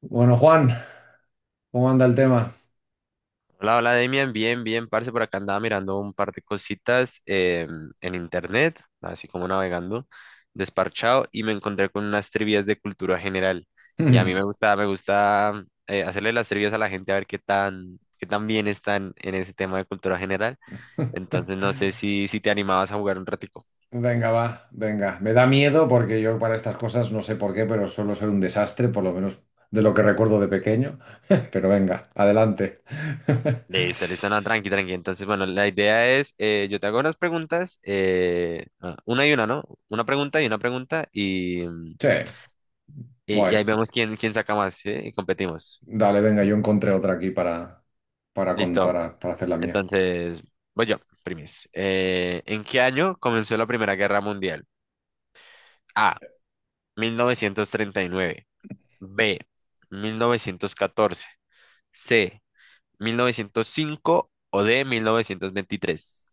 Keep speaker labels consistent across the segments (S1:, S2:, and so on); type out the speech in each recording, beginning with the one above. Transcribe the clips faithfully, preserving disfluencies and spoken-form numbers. S1: Bueno, Juan, ¿cómo anda el tema?
S2: Hola, hola Demian, bien, bien, parce, por acá andaba mirando un par de cositas eh, en internet, así como navegando, desparchado, y me encontré con unas trivias de cultura general. Y a mí me gusta, me gusta eh, hacerle las trivias a la gente a ver qué tan, qué tan bien están en ese tema de cultura general. Entonces no sé si, si te animabas a jugar un ratico.
S1: Venga, va, venga. Me da miedo porque yo para estas cosas no sé por qué, pero suelo ser un desastre, por lo menos de lo que recuerdo de pequeño. Pero venga, adelante.
S2: Listo, listo, no, tranqui, tranqui. Entonces, bueno, la idea es, eh, yo te hago unas preguntas, eh, ah, una y una, ¿no? Una pregunta y una pregunta, y...
S1: Sí,
S2: Y, y
S1: guay.
S2: ahí vemos quién, quién saca más, ¿sí? Y competimos.
S1: Dale, venga, yo encontré otra aquí para, para, con-
S2: Listo.
S1: para, para hacer la mía.
S2: Entonces, voy yo, primis. Eh, ¿En qué año comenzó la Primera Guerra Mundial? A. mil novecientos treinta y nueve. B. mil novecientos catorce. C. mil novecientos cinco. O D. mil novecientos veintitrés.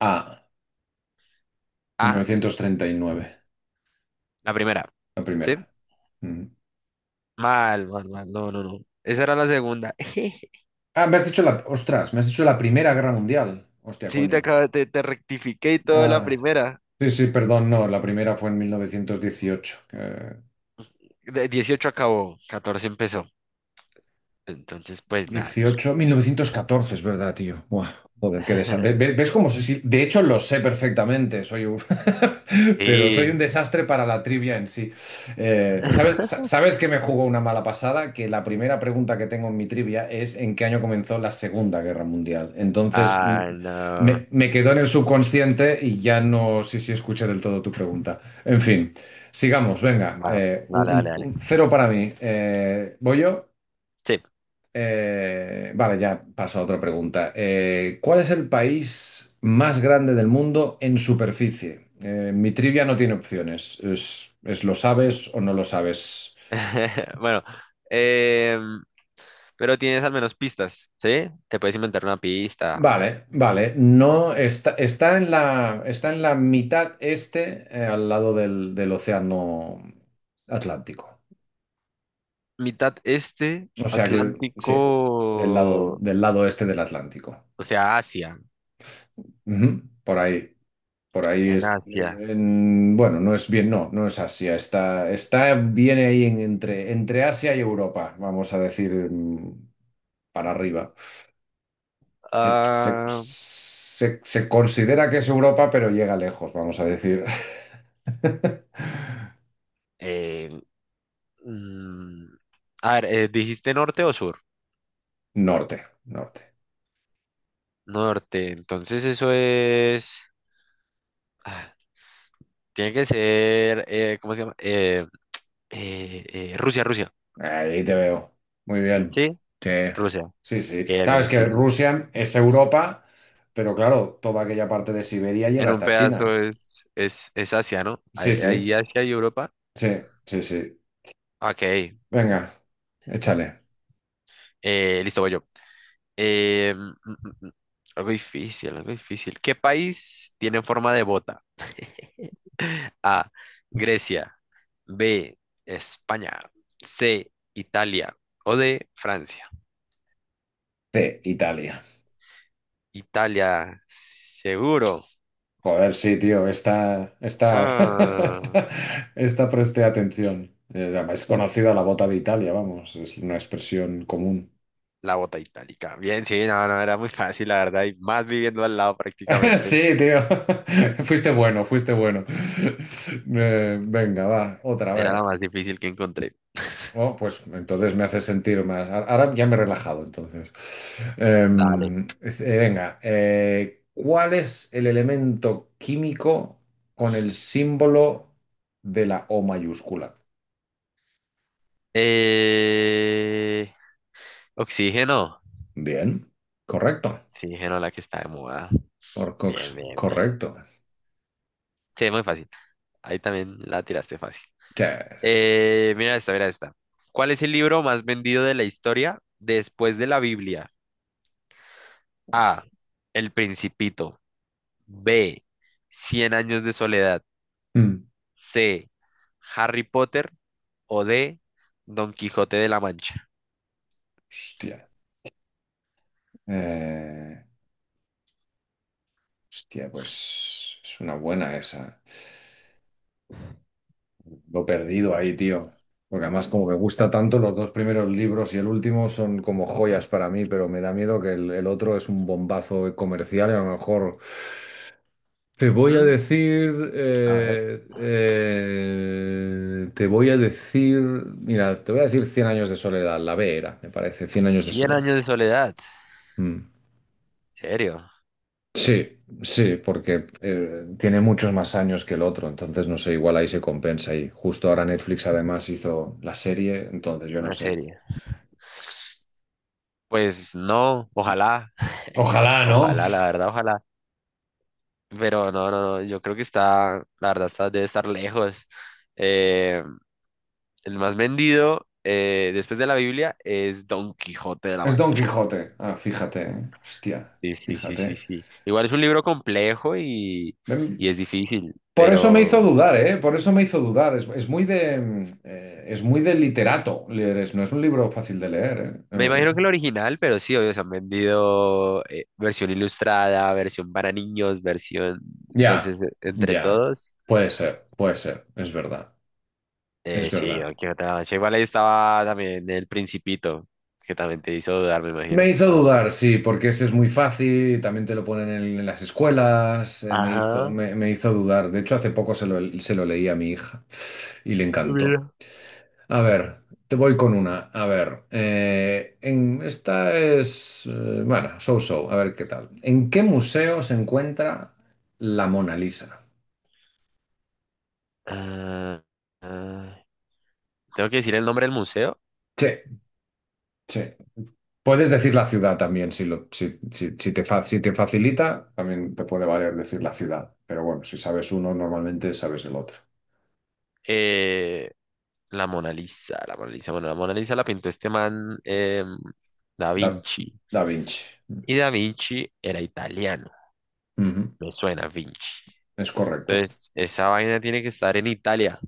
S1: Ah,
S2: A.
S1: mil novecientos treinta y nueve,
S2: La primera.
S1: la
S2: ¿Sí?
S1: primera. Mm.
S2: Mal, mal, mal. No, no, no. Esa era la segunda.
S1: Ah, me has dicho la... Ostras, me has dicho la Primera Guerra Mundial. Hostia,
S2: Sí, te
S1: coño.
S2: acabo, te, te rectifiqué y todo la
S1: Ah.
S2: primera.
S1: Sí, sí, perdón, no, la primera fue en mil novecientos dieciocho, que,
S2: De dieciocho acabó, catorce empezó. Entonces, pues nada.
S1: dieciocho, mil novecientos catorce, es verdad, tío. Buah, joder, qué desastre. ¿Ves cómo sé? si- De hecho, lo sé perfectamente, soy un... pero soy
S2: Sí.
S1: un desastre para la trivia en sí. Eh, ¿sabes, sa- sabes que me jugó una mala pasada? Que la primera pregunta que tengo en mi trivia es ¿en qué año comenzó la Segunda Guerra Mundial? Entonces, mm,
S2: Ah,
S1: me,
S2: no.
S1: me quedó en el subconsciente y ya no sé si escuché del todo tu pregunta. En fin, sigamos, venga.
S2: Bueno,
S1: eh, un,
S2: dale,
S1: un-
S2: dale, dale.
S1: un cero para mí. Eh, ¿voy yo?
S2: Sí.
S1: Eh, vale, ya paso a otra pregunta. Eh, ¿cuál es el país más grande del mundo en superficie? Eh, mi trivia no tiene opciones. Es, es lo sabes o no lo sabes.
S2: Bueno, em, pero tienes al menos pistas, ¿sí? Te puedes inventar una pista.
S1: Vale, vale. No está, está en la, está en la mitad este, eh, al lado del, del océano Atlántico.
S2: Mitad este,
S1: O sea que sí,
S2: Atlántico,
S1: del lado, del lado este del Atlántico.
S2: o sea, Asia,
S1: Ujú, por ahí. Por ahí
S2: en
S1: es,
S2: Asia.
S1: en- bueno, no es bien, no, no es Asia, está, está, viene ahí en- entre, entre Asia y Europa, vamos a decir, mm, para arriba. Eh, Se,
S2: Ah,
S1: se- se considera que es Europa, pero llega lejos, vamos a decir.
S2: eh, mm, a ver, eh, ¿dijiste norte o sur?
S1: Norte, norte.
S2: Norte, entonces eso es... ah, tiene que ser, eh, ¿cómo se llama? Eh, Eh, eh, Rusia, Rusia.
S1: Ahí te veo. Muy bien.
S2: ¿Sí?
S1: Sí,
S2: Rusia.
S1: sí, sí.
S2: Bien,
S1: Claro,
S2: bien,
S1: es que
S2: sí, sí.
S1: Rusia es Europa, pero claro, toda aquella parte de Siberia llega
S2: En un
S1: hasta
S2: pedazo
S1: China.
S2: es, es, es Asia, ¿no? Ahí
S1: Sí, sí,
S2: ahí Asia y Europa.
S1: sí, sí, sí.
S2: Ok.
S1: Venga, échale.
S2: Eh, listo, voy yo. Eh, mm, mm, mm, mm. Algo difícil, algo difícil. ¿Qué país tiene forma de bota? A. Grecia. B. España. C. Italia. O D. Francia.
S1: Sí, Italia.
S2: Italia, seguro.
S1: Joder, sí, tío, esta, esta,
S2: Ah.
S1: esta, esta presté atención. Eh, Es conocida la bota de Italia, vamos, es una expresión común.
S2: La bota itálica. Bien, sí, no, no, era muy fácil, la verdad, y más viviendo al lado prácticamente.
S1: Sí, tío, fuiste bueno, fuiste bueno. Eh, venga, va, otra, a
S2: Era la
S1: ver.
S2: más difícil que encontré.
S1: Oh, pues entonces me hace sentir más. A- Ahora ya me he relajado, entonces.
S2: Dale.
S1: Em, eh, venga, eh, ¿cuál es el elemento químico con el símbolo de la O mayúscula?
S2: Eh... Oxígeno.
S1: Bien, correcto.
S2: Oxígeno, la que está de moda.
S1: Orcox,
S2: Bien, bien, bien.
S1: correcto.
S2: Sí, muy fácil. Ahí también la tiraste fácil.
S1: Yes.
S2: Eh, mira esta, mira esta. ¿Cuál es el libro más vendido de la historia después de la Biblia? A. El Principito. B. Cien años de soledad.
S1: Mm.
S2: C. Harry Potter. O de Don Quijote de la Mancha.
S1: Hostia. Eh, hostia, pues es una buena esa. Lo he perdido ahí, tío. Porque además, como me gusta tanto, los dos primeros libros y el último son como joyas para mí, pero me da miedo que el, el otro es un bombazo comercial y a lo mejor. Te voy a
S2: ¿Mm?
S1: decir.
S2: A ver,
S1: eh, eh, te voy a decir. Mira, te voy a decir cien años de soledad. La B era, me parece. Cien años de
S2: cien
S1: soledad.
S2: años de soledad,
S1: Mm.
S2: ¿en serio?
S1: Sí, sí, porque eh, tiene muchos más años que el otro, entonces no sé, igual ahí se compensa y justo ahora Netflix además hizo la serie, entonces yo no
S2: Una
S1: sé.
S2: serie. Pues no, ojalá,
S1: Ojalá, ¿no?
S2: ojalá, la verdad, ojalá. Pero no, no, no, yo creo que está, la verdad, está, debe estar lejos. Eh, el más vendido eh, después de la Biblia es Don Quijote de la
S1: Es Don
S2: Mancha.
S1: Quijote. Ah, fíjate, ¿eh? Hostia,
S2: Sí, sí, sí, sí,
S1: fíjate.
S2: sí. Igual es un libro complejo y,
S1: Ven,
S2: y es difícil,
S1: Por eso me hizo
S2: pero
S1: dudar, ¿eh? Por eso me hizo dudar. Es, es muy de, mm, eh, es muy de literato leer eso. No es un libro fácil de leer, ¿eh?
S2: me
S1: Eh,
S2: imagino que el original, pero sí, obvio, se han vendido eh, versión ilustrada, versión para niños, versión...
S1: ya,
S2: Entonces, eh, entre
S1: ya.
S2: todos,
S1: Puede ser, puede ser. Es verdad, es
S2: eh, sí,
S1: verdad.
S2: Don Quijote de la Mancha. Igual ahí estaba también El Principito, que también te hizo dudar, me
S1: Me
S2: imagino,
S1: hizo
S2: ¿o no?
S1: dudar, sí, porque ese es muy fácil, también te lo ponen en, en las escuelas, eh, me hizo,
S2: Ajá,
S1: me, me hizo dudar. De hecho, hace poco se lo, se lo leí a mi hija y le encantó.
S2: mira.
S1: A ver, te voy con una. A ver, eh, en, esta es, eh, bueno, so-so, a ver qué tal. ¿En qué museo se encuentra la Mona Lisa?
S2: Ah, ah, tengo que decir el nombre del museo.
S1: Sí, sí. Puedes decir la ciudad también, si, lo, si, si- si te fa- si te facilita, también te puede valer decir la ciudad. Pero bueno, si sabes uno, normalmente sabes el otro.
S2: Eh, la Mona Lisa, la Mona Lisa. Bueno, la Mona Lisa la pintó este man em, Da
S1: Da,
S2: Vinci.
S1: Da Vinci.
S2: Y Da Vinci era italiano.
S1: Ujú,
S2: Me suena Vinci.
S1: Es correcto,
S2: Entonces, esa vaina tiene que estar en Italia.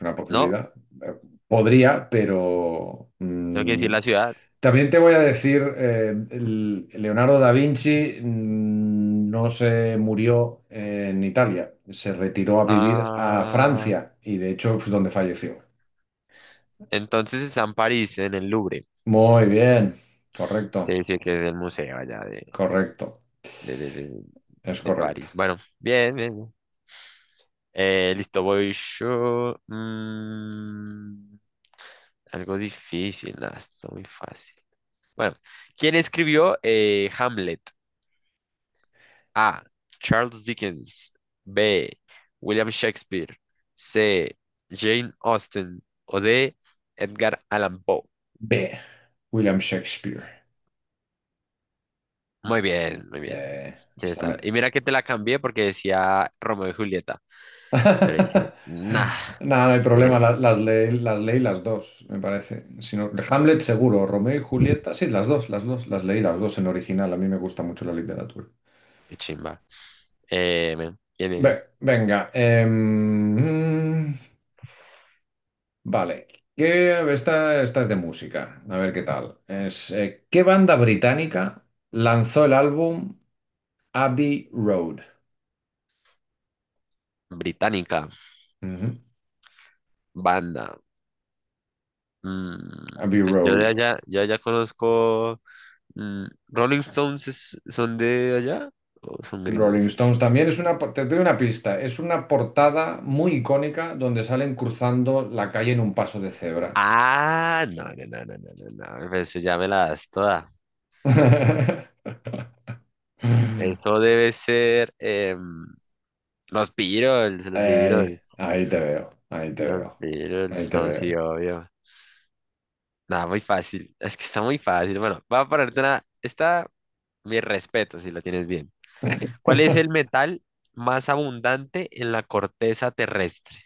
S1: una
S2: No,
S1: posibilidad. Eh, Podría, pero
S2: tengo que decir
S1: mm,
S2: la ciudad.
S1: también te voy a decir, eh, el- Leonardo da Vinci, mm, no se murió en Italia, se retiró a vivir a
S2: Ah,
S1: Francia y de hecho es donde falleció.
S2: entonces está en París, en el Louvre.
S1: Muy bien,
S2: Se
S1: correcto,
S2: dice que es el museo allá de,
S1: correcto,
S2: de, de, de,
S1: es
S2: de
S1: correcto.
S2: París. Bueno, bien, bien. Bien. Eh, listo, voy yo. Mm, algo difícil, nada, está muy fácil. Bueno, ¿quién escribió eh, Hamlet? A. Charles Dickens. B. William Shakespeare. C. Jane Austen. O D. Edgar Allan Poe.
S1: B. William Shakespeare.
S2: Muy bien, muy bien.
S1: Eh,
S2: Sí,
S1: esta,
S2: está.
S1: me-
S2: Y mira que te la cambié porque decía Romeo y Julieta. Pero dije, nah.
S1: Nada, no hay
S2: Dije,
S1: problema, la- las, leí, las leí las dos, me parece. Si no- Hamlet seguro, Romeo y Julieta, sí, las dos, las dos, las leí las dos en original, a mí me gusta mucho la literatura.
S2: qué chimba. Eh, men, ¿quién es?
S1: Ve- venga, em, mm, vale, ¿Qué, esta, esta es de música, a ver qué tal. Es, eh, ¿qué banda británica lanzó el álbum Abbey Road?
S2: Británica.
S1: Ujú,
S2: Banda. Mm,
S1: Abbey
S2: pues yo de
S1: Road.
S2: allá, yo de allá conozco. mm, Rolling Stones es- son de allá o son gringos.
S1: Rolling Stones también es una, por- te doy una pista, es una portada muy icónica donde salen cruzando la calle en un paso de cebra.
S2: Ah, no, no, no, no, no, no, no, pues ya me la das toda. Eso debe ser em, los Beatles, los
S1: Ey,
S2: Beatles,
S1: ahí te veo, ahí te
S2: los
S1: veo, ahí
S2: Beatles,
S1: te
S2: no, sí,
S1: veo.
S2: obvio. Nada, muy fácil, es que está muy fácil. Bueno, voy a ponerte una, está mi respeto si la tienes bien. ¿Cuál es el metal más abundante en la corteza terrestre?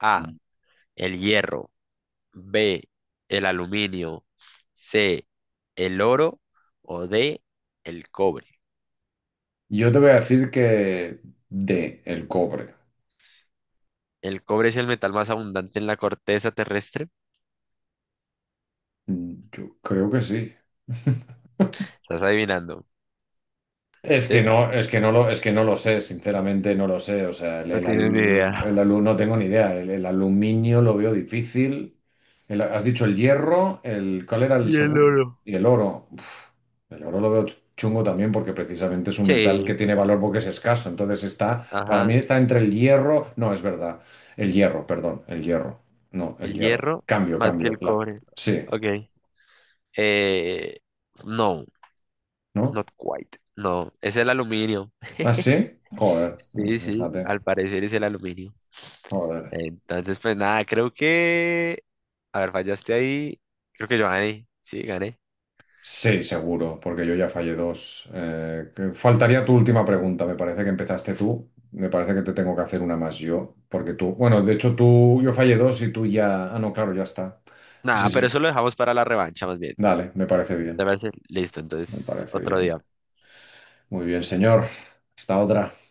S2: A, el hierro, B, el aluminio, C, el oro o D, el cobre.
S1: Yo te voy a decir que de el cobre.
S2: El cobre es el metal más abundante en la corteza terrestre.
S1: Mm, yo creo que sí.
S2: Estás adivinando,
S1: Es que
S2: ¿sí?
S1: no, es que no lo, es que no lo sé, sinceramente no lo sé. O sea, el,
S2: No
S1: el,
S2: tienes ni idea.
S1: alu- el alu- no tengo ni idea. El, el aluminio lo veo difícil. El- has dicho el hierro, el, ¿cuál era
S2: Y
S1: el
S2: el
S1: segundo?
S2: oro.
S1: Y el oro. Uf, el oro lo veo chungo también porque precisamente es un metal que
S2: Sí,
S1: tiene valor porque es escaso. Entonces está, para mí
S2: ajá.
S1: está entre el hierro, no, es verdad. El hierro, perdón, el hierro. No, el
S2: El
S1: hierro.
S2: hierro
S1: Cambio,
S2: más que
S1: cambio.
S2: el
S1: La,
S2: cobre.
S1: sí,
S2: Ok. Eh, no,
S1: ¿no?
S2: not quite. No, es el aluminio.
S1: ¿Ah, sí? Joder,
S2: Sí, sí,
S1: fíjate.
S2: al parecer es el aluminio.
S1: Joder.
S2: Entonces, pues nada, creo que... A ver, fallaste ahí. Creo que yo gané. Sí, gané.
S1: Sí, seguro, porque yo ya fallé dos. Eh, que- faltaría tu última pregunta, me parece que empezaste tú. Me parece que te tengo que hacer una más yo, porque tú, bueno, de hecho tú, yo fallé dos y tú ya... Ah, no, claro, ya está. Sí, sí,
S2: Nada, pero
S1: sí.
S2: eso lo dejamos para la revancha más bien.
S1: dale, me parece
S2: ¿Te
S1: bien,
S2: parece? Listo,
S1: me
S2: entonces
S1: parece
S2: otro
S1: bien.
S2: día.
S1: Muy bien, señor. Hasta otra.